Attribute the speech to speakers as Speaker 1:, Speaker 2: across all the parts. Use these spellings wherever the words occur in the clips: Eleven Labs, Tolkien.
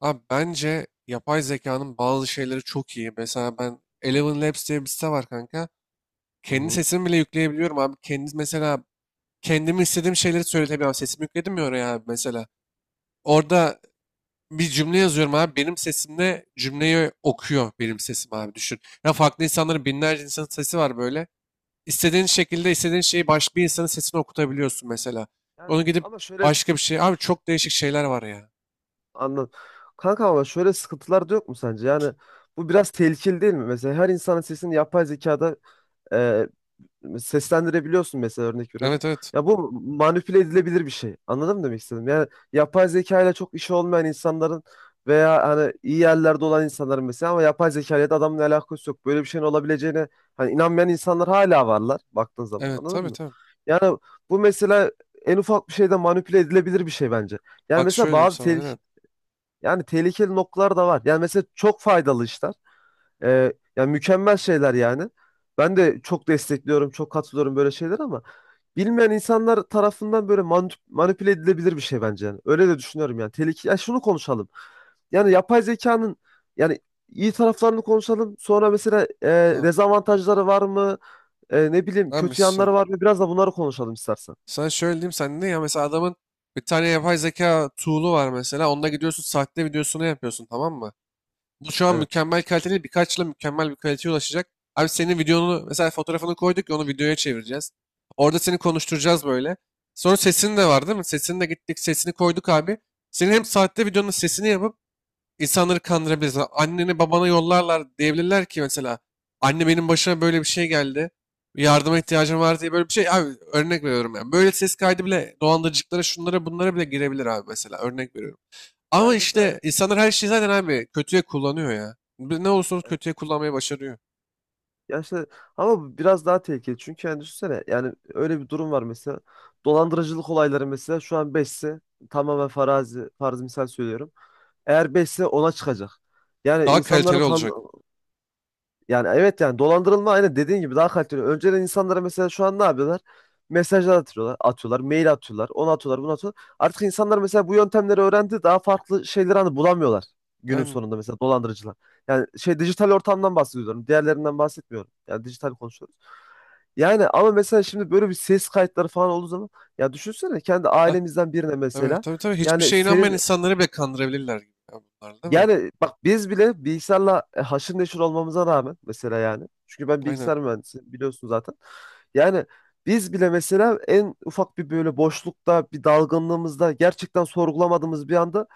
Speaker 1: Abi bence yapay zekanın bazı şeyleri çok iyi. Mesela ben Eleven Labs diye bir site var kanka.
Speaker 2: Hı
Speaker 1: Kendi
Speaker 2: hı.
Speaker 1: sesimi bile yükleyebiliyorum abi. Kendi mesela kendimi istediğim şeyleri söyletebiliyorum. Sesimi yükledim ya oraya abi mesela.
Speaker 2: Evet.
Speaker 1: Orada bir cümle yazıyorum abi. Benim sesimle cümleyi okuyor benim sesim abi düşün. Ya farklı insanların binlerce insanın sesi var böyle. İstediğin şekilde istediğin şeyi başka bir insanın sesini okutabiliyorsun mesela.
Speaker 2: Yani
Speaker 1: Onu gidip
Speaker 2: ama şöyle
Speaker 1: başka bir şey. Abi çok değişik şeyler var ya.
Speaker 2: anla. Kanka ama şöyle sıkıntılar da yok mu sence? Yani bu biraz tehlikeli değil mi? Mesela her insanın sesini yapay zekada seslendirebiliyorsun mesela örnek veriyorum.
Speaker 1: Evet, evet.
Speaker 2: Ya bu manipüle edilebilir bir şey. Anladın mı demek istedim? Yani yapay zeka ile çok işi olmayan insanların veya hani iyi yerlerde olan insanların mesela ama yapay zeka ile de adamın alakası yok. Böyle bir şeyin olabileceğine hani inanmayan insanlar hala varlar baktığın zaman.
Speaker 1: Evet, tabii,
Speaker 2: Anladın mı?
Speaker 1: tabii.
Speaker 2: Yani bu mesela en ufak bir şeyde manipüle edilebilir bir şey bence. Yani
Speaker 1: Bak
Speaker 2: mesela
Speaker 1: şöyle diyeyim
Speaker 2: bazı
Speaker 1: sana. Aynen.
Speaker 2: tehlike yani tehlikeli noktalar da var. Yani mesela çok faydalı işler. Yani mükemmel şeyler yani. Ben de çok destekliyorum, çok katılıyorum böyle şeyler ama bilmeyen insanlar tarafından böyle manipüle edilebilir bir şey bence yani. Öyle de düşünüyorum yani. Tehlike ya şunu konuşalım. Yani yapay zekanın yani iyi taraflarını konuşalım. Sonra mesela
Speaker 1: Tamam.
Speaker 2: dezavantajları var mı? Ne bileyim
Speaker 1: Abi
Speaker 2: kötü
Speaker 1: sen,
Speaker 2: yanları var mı? Biraz da bunları konuşalım istersen.
Speaker 1: sana şöyle diyeyim, sen ne ya, mesela adamın bir tane yapay zeka tool'u var, mesela onda gidiyorsun sahte videosunu yapıyorsun, tamam mı? Bu şu an
Speaker 2: Evet.
Speaker 1: mükemmel kaliteli, birkaç yıla mükemmel bir kaliteye ulaşacak. Abi senin videonu mesela, fotoğrafını koyduk ya, onu videoya çevireceğiz. Orada seni konuşturacağız böyle. Sonra sesin de var değil mi? Sesini de gittik, sesini koyduk abi. Senin hem sahte videonun sesini yapıp İnsanları kandırabiliriz. Anneni babana yollarlar, diyebilirler ki mesela, anne benim başıma böyle bir şey geldi. Yardıma ihtiyacım
Speaker 2: Kesinlikle.
Speaker 1: var diye, böyle bir şey. Abi örnek veriyorum yani. Böyle ses kaydı bile dolandırıcılıklara, şunlara bunlara bile girebilir abi, mesela örnek veriyorum. Ama
Speaker 2: Yani mesela evet.
Speaker 1: işte insanlar her şeyi zaten abi kötüye kullanıyor ya. Ne olursa olsun kötüye kullanmayı başarıyor.
Speaker 2: Ya işte ama bu biraz daha tehlikeli. Çünkü yani düşünsene yani öyle bir durum var mesela. Dolandırıcılık olayları mesela şu an 5'se tamamen farazi, farz misal söylüyorum. Eğer 5'se ona çıkacak. Yani
Speaker 1: Daha
Speaker 2: insanların
Speaker 1: kaliteli
Speaker 2: kan-
Speaker 1: olacak.
Speaker 2: Yani evet yani dolandırılma aynen dediğin gibi daha kaliteli. Önceden insanlara mesela şu an ne yapıyorlar? Mesajlar atıyorlar, atıyorlar, mail atıyorlar, onu atıyorlar, bunu atıyorlar. Artık insanlar mesela bu yöntemleri öğrendi, daha farklı şeyleri hani bulamıyorlar günün
Speaker 1: Aynen.
Speaker 2: sonunda mesela dolandırıcılar. Yani şey dijital ortamdan bahsediyorum, diğerlerinden bahsetmiyorum. Yani dijital konuşuyoruz. Yani ama mesela şimdi böyle bir ses kayıtları falan olduğu zaman ya düşünsene kendi
Speaker 1: Ha,
Speaker 2: ailemizden birine
Speaker 1: evet,
Speaker 2: mesela
Speaker 1: tabii, tabii. Hiçbir
Speaker 2: yani
Speaker 1: şeye inanmayan
Speaker 2: senin
Speaker 1: insanları bile kandırabilirler gibi ya, bunlar değil mi?
Speaker 2: yani bak biz bile bilgisayarla haşır neşir olmamıza rağmen mesela yani. Çünkü ben
Speaker 1: Aynen.
Speaker 2: bilgisayar mühendisiyim biliyorsun zaten. Yani biz bile mesela en ufak bir böyle boşlukta bir dalgınlığımızda gerçekten sorgulamadığımız bir anda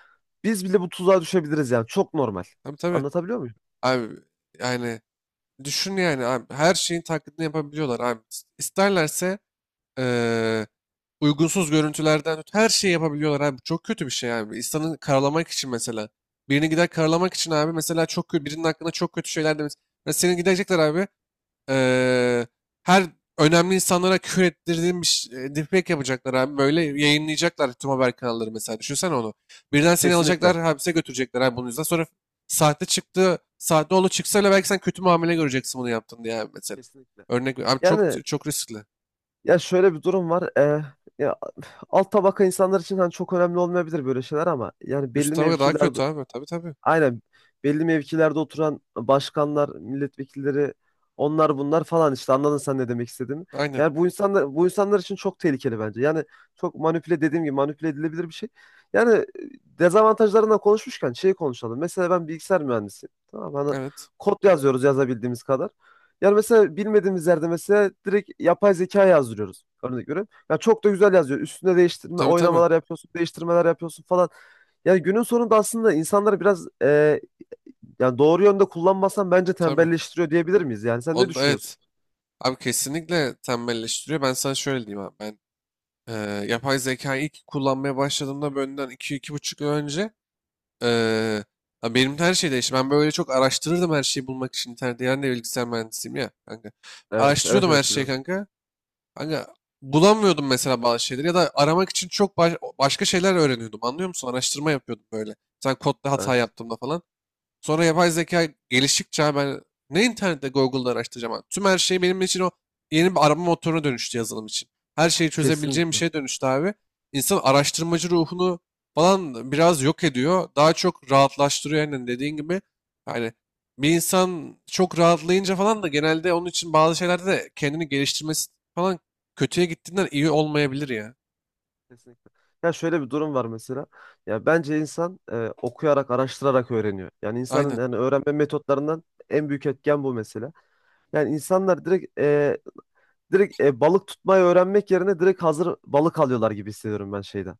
Speaker 2: biz bile bu tuzağa düşebiliriz yani. Çok normal.
Speaker 1: Tabii, tabii.
Speaker 2: Anlatabiliyor muyum?
Speaker 1: Abi yani düşün yani abi. Her şeyin taklidini yapabiliyorlar abi. İsterlerse eee, uygunsuz görüntülerden tut, her şeyi yapabiliyorlar abi. Çok kötü bir şey abi. İnsanı karalamak için mesela. Birini gider karalamak için abi mesela, çok kötü, birinin hakkında çok kötü şeyler demiş. Mesela seni gidecekler abi, eee, her önemli insanlara küfür ettirdiğim bir deepfake yapacaklar abi. Böyle yayınlayacaklar tüm haber kanalları mesela. Düşünsene onu. Birden seni alacaklar,
Speaker 2: Kesinlikle.
Speaker 1: hapse götürecekler abi bunun yüzünden. Sonra sahte çıktı, sahte oğlu çıksa bile belki sen kötü muamele göreceksin, bunu yaptın diye abi mesela.
Speaker 2: Kesinlikle.
Speaker 1: Örnek abi, çok
Speaker 2: Yani
Speaker 1: çok riskli.
Speaker 2: Ya şöyle bir durum var. Ya alt tabaka insanlar için hani çok önemli olmayabilir böyle şeyler ama yani
Speaker 1: Üst
Speaker 2: belli
Speaker 1: tabaka daha
Speaker 2: mevkiler
Speaker 1: kötü abi. Tabii, tabii.
Speaker 2: aynen belli mevkilerde oturan başkanlar, milletvekilleri onlar bunlar falan işte anladın sen ne demek istediğimi.
Speaker 1: Aynen.
Speaker 2: Yani bu insanlar için çok tehlikeli bence. Yani çok manipüle dediğim gibi manipüle edilebilir bir şey. Yani dezavantajlarından konuşmuşken şeyi konuşalım. Mesela ben bilgisayar mühendisiyim. Tamam mı? Hani
Speaker 1: Evet.
Speaker 2: kod yazıyoruz yazabildiğimiz kadar. Yani mesela bilmediğimiz yerde mesela direkt yapay zeka yazdırıyoruz. Örnek veriyorum. Ya çok da güzel yazıyor. Üstüne değiştirme,
Speaker 1: Tabii, tabii.
Speaker 2: oynamalar yapıyorsun, değiştirmeler yapıyorsun falan. Ya günün sonunda aslında insanları biraz yani doğru yönde kullanmasan bence
Speaker 1: Tabii.
Speaker 2: tembelleştiriyor diyebilir miyiz? Yani sen ne
Speaker 1: Onu evet.
Speaker 2: düşünüyorsun?
Speaker 1: Abi kesinlikle tembelleştiriyor. Ben sana şöyle diyeyim abi. Ben Ee, yapay zekayı ilk kullanmaya başladığımda, benden iki iki buçuk yıl önce, ee, ya benim de her şey değişti. Ben böyle çok araştırırdım her şeyi bulmak için internette. Yani de bilgisayar mühendisiyim ya kanka.
Speaker 2: Evet, evet,
Speaker 1: Araştırıyordum
Speaker 2: evet
Speaker 1: her şeyi
Speaker 2: biliyorum.
Speaker 1: kanka. Kanka bulamıyordum mesela bazı şeyleri, ya da aramak için çok başka şeyler öğreniyordum. Anlıyor musun? Araştırma yapıyordum böyle. Sen kodda hata
Speaker 2: Evet.
Speaker 1: yaptığımda falan. Sonra yapay zeka geliştikçe abi, ben ne internette Google'da araştıracağım abi. Tüm her şey benim için o yeni bir arama motoruna dönüştü yazılım için. Her şeyi çözebileceğim bir
Speaker 2: Kesinlikle.
Speaker 1: şeye dönüştü abi. İnsan araştırmacı ruhunu falan biraz yok ediyor. Daha çok rahatlaştırıyor, aynen dediğin gibi. Yani bir insan çok rahatlayınca falan da, genelde onun için bazı şeylerde de kendini geliştirmesi falan kötüye gittiğinden iyi olmayabilir ya.
Speaker 2: Kesinlikle. Ya şöyle bir durum var mesela. Ya bence insan okuyarak, araştırarak öğreniyor. Yani
Speaker 1: Aynen.
Speaker 2: insanın yani öğrenme metotlarından en büyük etken bu mesela. Yani insanlar direkt balık tutmayı öğrenmek yerine direkt hazır balık alıyorlar gibi hissediyorum ben şeyden.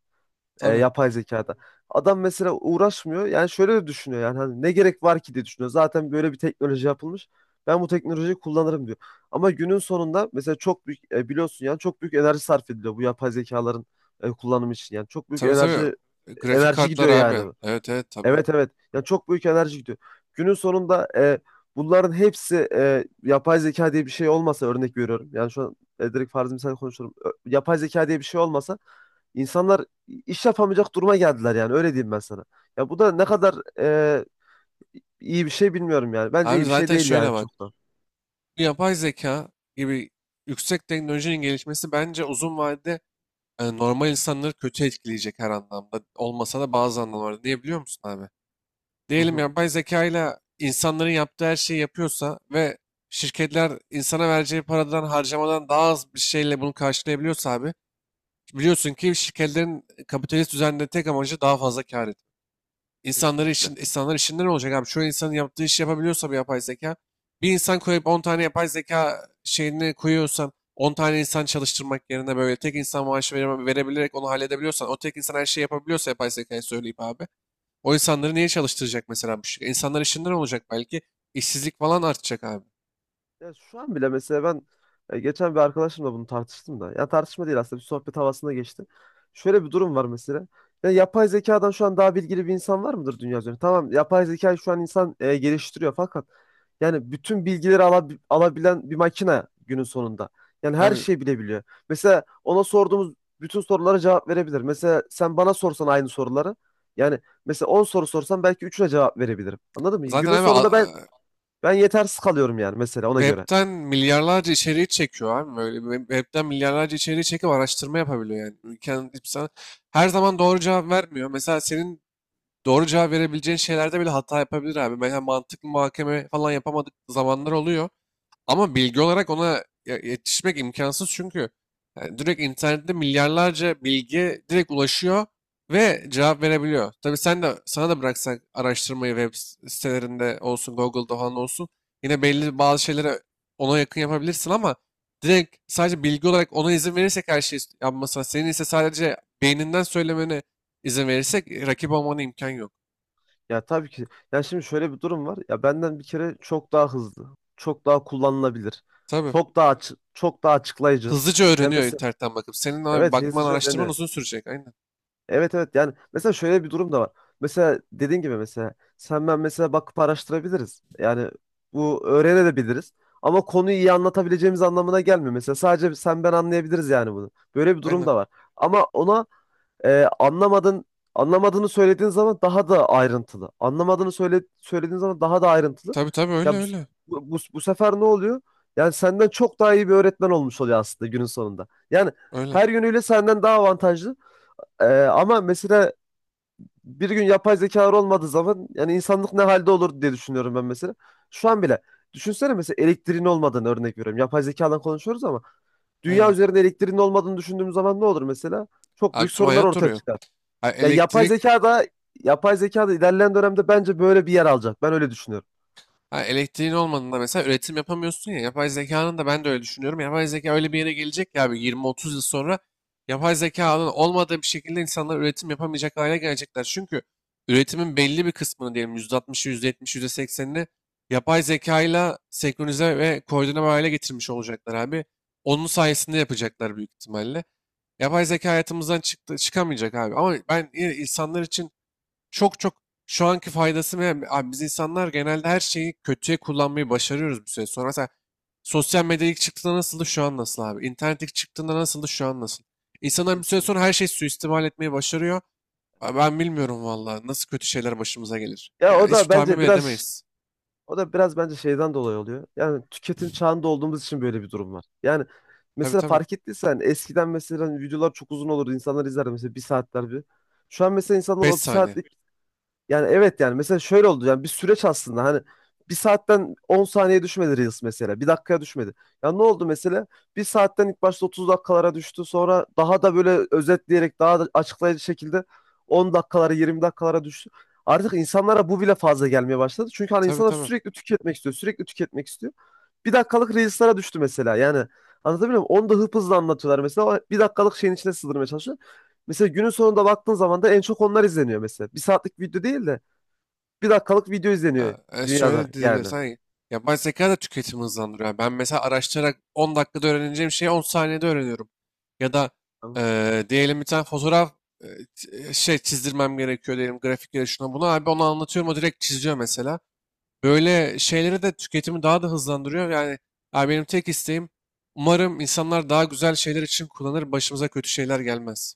Speaker 1: Tabii.
Speaker 2: Yapay zekada. Adam mesela uğraşmıyor. Yani şöyle de düşünüyor yani hani ne gerek var ki diye düşünüyor. Zaten böyle bir teknoloji yapılmış. Ben bu teknolojiyi kullanırım diyor. Ama günün sonunda mesela çok büyük biliyorsun yani çok büyük enerji sarf ediliyor bu yapay zekaların kullanımı için. Yani çok büyük
Speaker 1: Tabii, tabii.
Speaker 2: enerji
Speaker 1: Grafik
Speaker 2: enerji
Speaker 1: kartlar
Speaker 2: gidiyor
Speaker 1: abi.
Speaker 2: yani.
Speaker 1: Evet, evet, tabii.
Speaker 2: Evet evet. Yani çok büyük enerji gidiyor. Günün sonunda bunların hepsi yapay zeka diye bir şey olmasa örnek veriyorum. Yani şu an direkt farzı misal konuşuyorum. Yapay zeka diye bir şey olmasa İnsanlar iş yapamayacak duruma geldiler yani öyle diyeyim ben sana. Ya bu da ne kadar e, iyi bir şey bilmiyorum yani. Bence
Speaker 1: Abi
Speaker 2: iyi bir şey
Speaker 1: zaten
Speaker 2: değil
Speaker 1: şöyle
Speaker 2: yani
Speaker 1: bak.
Speaker 2: çok da.
Speaker 1: Bu yapay zeka gibi yüksek teknolojinin gelişmesi bence uzun vadede yani normal insanları kötü etkileyecek her anlamda. Olmasa da bazı anlamlarda. Niye biliyor musun abi?
Speaker 2: Hı
Speaker 1: Diyelim
Speaker 2: hı.
Speaker 1: yapay zeka ile insanların yaptığı her şeyi yapıyorsa ve şirketler insana vereceği paradan harcamadan daha az bir şeyle bunu karşılayabiliyorsa abi, biliyorsun ki şirketlerin kapitalist düzende tek amacı daha fazla kar. İnsanları
Speaker 2: Kesinlikle. Hı
Speaker 1: işin, insanlar işinden olacak abi. Çoğu insanın yaptığı işi yapabiliyorsa bir yapay zeka. Bir insan koyup 10 tane yapay zeka şeyini koyuyorsan, 10 tane insan çalıştırmak yerine böyle tek insan maaşı verebilerek onu halledebiliyorsan, o tek insan her şeyi yapabiliyorsa yapay zekayı söyleyip abi, o
Speaker 2: hı.
Speaker 1: insanları niye çalıştıracak mesela bu şey? İnsanlar işinden olacak belki. İşsizlik falan artacak abi.
Speaker 2: Ya şu an bile mesela ben geçen bir arkadaşımla bunu tartıştım da. Ya tartışma değil aslında bir sohbet havasında geçti. Şöyle bir durum var mesela. Ya yapay zekadan şu an daha bilgili bir insan var mıdır dünya üzerinde? Tamam yapay zekayı şu an insan geliştiriyor fakat yani bütün bilgileri alabilen bir makine günün sonunda. Yani her
Speaker 1: Abi
Speaker 2: şeyi bilebiliyor. Mesela ona sorduğumuz bütün sorulara cevap verebilir. Mesela sen bana sorsan aynı soruları. Yani mesela 10 soru sorsam belki üçüne cevap verebilirim. Anladın mı?
Speaker 1: zaten
Speaker 2: Günün
Speaker 1: abi
Speaker 2: sonunda ben
Speaker 1: a-
Speaker 2: ben yetersiz kalıyorum yani mesela ona göre.
Speaker 1: Web'ten milyarlarca içeriği çekiyor abi. Böyle web'ten milyarlarca içeriği çekip araştırma yapabiliyor yani. Ülkenin insan her zaman doğru cevap vermiyor. Mesela senin doğru cevap verebileceğin şeylerde bile hata yapabilir abi. Mesela mantıklı muhakeme falan yapamadık zamanlar oluyor. Ama bilgi olarak ona yetişmek imkansız, çünkü yani direkt internette milyarlarca bilgi direkt ulaşıyor ve cevap verebiliyor. Tabii sen de, sana da bıraksak araştırmayı, web sitelerinde olsun, Google'da falan olsun, yine belli
Speaker 2: Evet.
Speaker 1: bazı şeylere ona yakın yapabilirsin, ama direkt sadece bilgi olarak ona izin verirsek her şeyi yapmasına, senin ise sadece beyninden söylemene izin verirsek rakip olmana imkan yok.
Speaker 2: Ya tabii ki. Ya şimdi şöyle bir durum var. Ya benden bir kere çok daha hızlı, çok daha kullanılabilir,
Speaker 1: Tabii.
Speaker 2: çok daha açıklayıcı.
Speaker 1: Hızlıca
Speaker 2: Ya
Speaker 1: öğreniyor
Speaker 2: mesela
Speaker 1: internetten bakıp. Senin abi
Speaker 2: evet
Speaker 1: bakman,
Speaker 2: hızlıca
Speaker 1: araştırman
Speaker 2: öğreniyor.
Speaker 1: uzun sürecek. Aynen.
Speaker 2: Evet evet yani mesela şöyle bir durum da var. Mesela dediğin gibi mesela sen ben mesela bakıp araştırabiliriz. Yani bu öğrenebiliriz. Ama konuyu iyi anlatabileceğimiz anlamına gelmiyor. Mesela sadece sen ben anlayabiliriz yani bunu. Böyle bir durum
Speaker 1: Aynen.
Speaker 2: da var. Ama ona anlamadın Anlamadığını söylediğin zaman daha da ayrıntılı. Söylediğin zaman daha da ayrıntılı.
Speaker 1: Tabii, tabii,
Speaker 2: Ya
Speaker 1: öyle öyle.
Speaker 2: bu sefer ne oluyor? Yani senden çok daha iyi bir öğretmen olmuş oluyor aslında günün sonunda. Yani
Speaker 1: Öyle.
Speaker 2: her yönüyle senden daha avantajlı. Ama mesela bir gün yapay zekalar olmadığı zaman yani insanlık ne halde olur diye düşünüyorum ben mesela. Şu an bile düşünsene mesela elektriğin olmadığını örnek veriyorum. Yapay zekadan konuşuyoruz ama dünya
Speaker 1: Aynen.
Speaker 2: üzerinde elektriğin olmadığını düşündüğümüz zaman ne olur mesela? Çok
Speaker 1: Abi
Speaker 2: büyük
Speaker 1: tüm
Speaker 2: sorunlar
Speaker 1: hayat
Speaker 2: ortaya
Speaker 1: duruyor.
Speaker 2: çıkar.
Speaker 1: Ha,
Speaker 2: Ya yapay
Speaker 1: elektrik.
Speaker 2: zeka da yapay zeka da ilerleyen dönemde bence böyle bir yer alacak. Ben öyle düşünüyorum.
Speaker 1: Ha, elektriğin olmadığında mesela üretim yapamıyorsun ya. Yapay zekanın da, ben de öyle düşünüyorum. Yapay zeka öyle bir yere gelecek ya abi, 20-30 yıl sonra yapay zekanın olmadığı bir şekilde insanlar üretim yapamayacak hale gelecekler. Çünkü üretimin belli bir kısmını, diyelim %60'ı, %70'i, %80'ini yapay zekayla senkronize ve koordine hale getirmiş olacaklar abi. Onun sayesinde yapacaklar büyük ihtimalle. Yapay zeka hayatımızdan çıktı, çıkamayacak abi. Ama ben yine insanlar için çok çok şu anki faydası mı? Abi biz insanlar genelde her şeyi kötüye kullanmayı başarıyoruz bir süre sonra. Mesela sosyal medya ilk çıktığında nasıldı, şu an nasıl abi? İnternet ilk çıktığında nasıldı, şu an nasıl? İnsanlar bir süre sonra
Speaker 2: Kesinlikle.
Speaker 1: her şeyi suistimal etmeyi başarıyor. Abi ben bilmiyorum vallahi nasıl kötü şeyler başımıza gelir.
Speaker 2: Ya o
Speaker 1: Yani hiç
Speaker 2: da
Speaker 1: tahmin
Speaker 2: bence
Speaker 1: bile
Speaker 2: biraz
Speaker 1: edemeyiz.
Speaker 2: o da biraz bence şeyden dolayı oluyor. Yani tüketim çağında olduğumuz için böyle bir durum var. Yani
Speaker 1: Tabii,
Speaker 2: mesela
Speaker 1: tabii.
Speaker 2: fark ettiysen eskiden mesela videolar çok uzun olurdu. İnsanlar izler mesela bir saatler bir. Şu an mesela insanlar
Speaker 1: 5
Speaker 2: o bir
Speaker 1: saniye.
Speaker 2: saatlik Yani evet yani mesela şöyle oldu yani bir süreç aslında hani bir saatten 10 saniye düşmedi Reels mesela bir dakikaya düşmedi. Ya ne oldu mesela bir saatten ilk başta 30 dakikalara düştü sonra daha da böyle özetleyerek daha da açıklayıcı şekilde 10 dakikalara 20 dakikalara düştü. Artık insanlara bu bile fazla gelmeye başladı. Çünkü hani
Speaker 1: Tabii,
Speaker 2: insanlar
Speaker 1: tabii.
Speaker 2: sürekli tüketmek istiyor, sürekli tüketmek istiyor. Bir dakikalık Reels'lara düştü mesela yani anlatabiliyor muyum? Onu da hıp hızlı anlatıyorlar mesela o bir dakikalık şeyin içine sığdırmaya çalışıyor. Mesela günün sonunda baktığın zaman da en çok onlar izleniyor mesela. Bir saatlik video değil de bir dakikalık video izleniyor
Speaker 1: Ha,
Speaker 2: dünyada
Speaker 1: şöyle
Speaker 2: yani.
Speaker 1: diyebiliriz. Hani yapay zeka da tüketimi hızlandırıyor. Yani ben mesela araştırarak 10 dakikada öğreneceğim şeyi 10 saniyede öğreniyorum. Ya da
Speaker 2: Tamam.
Speaker 1: diyelim bir tane fotoğraf e, şey çizdirmem gerekiyor diyelim, grafiklere şuna buna. Abi onu anlatıyorum, o direkt çiziyor mesela. Böyle şeyleri de tüketimi daha da hızlandırıyor. Yani abi, benim tek isteğim umarım insanlar daha güzel şeyler için kullanır, başımıza kötü şeyler gelmez.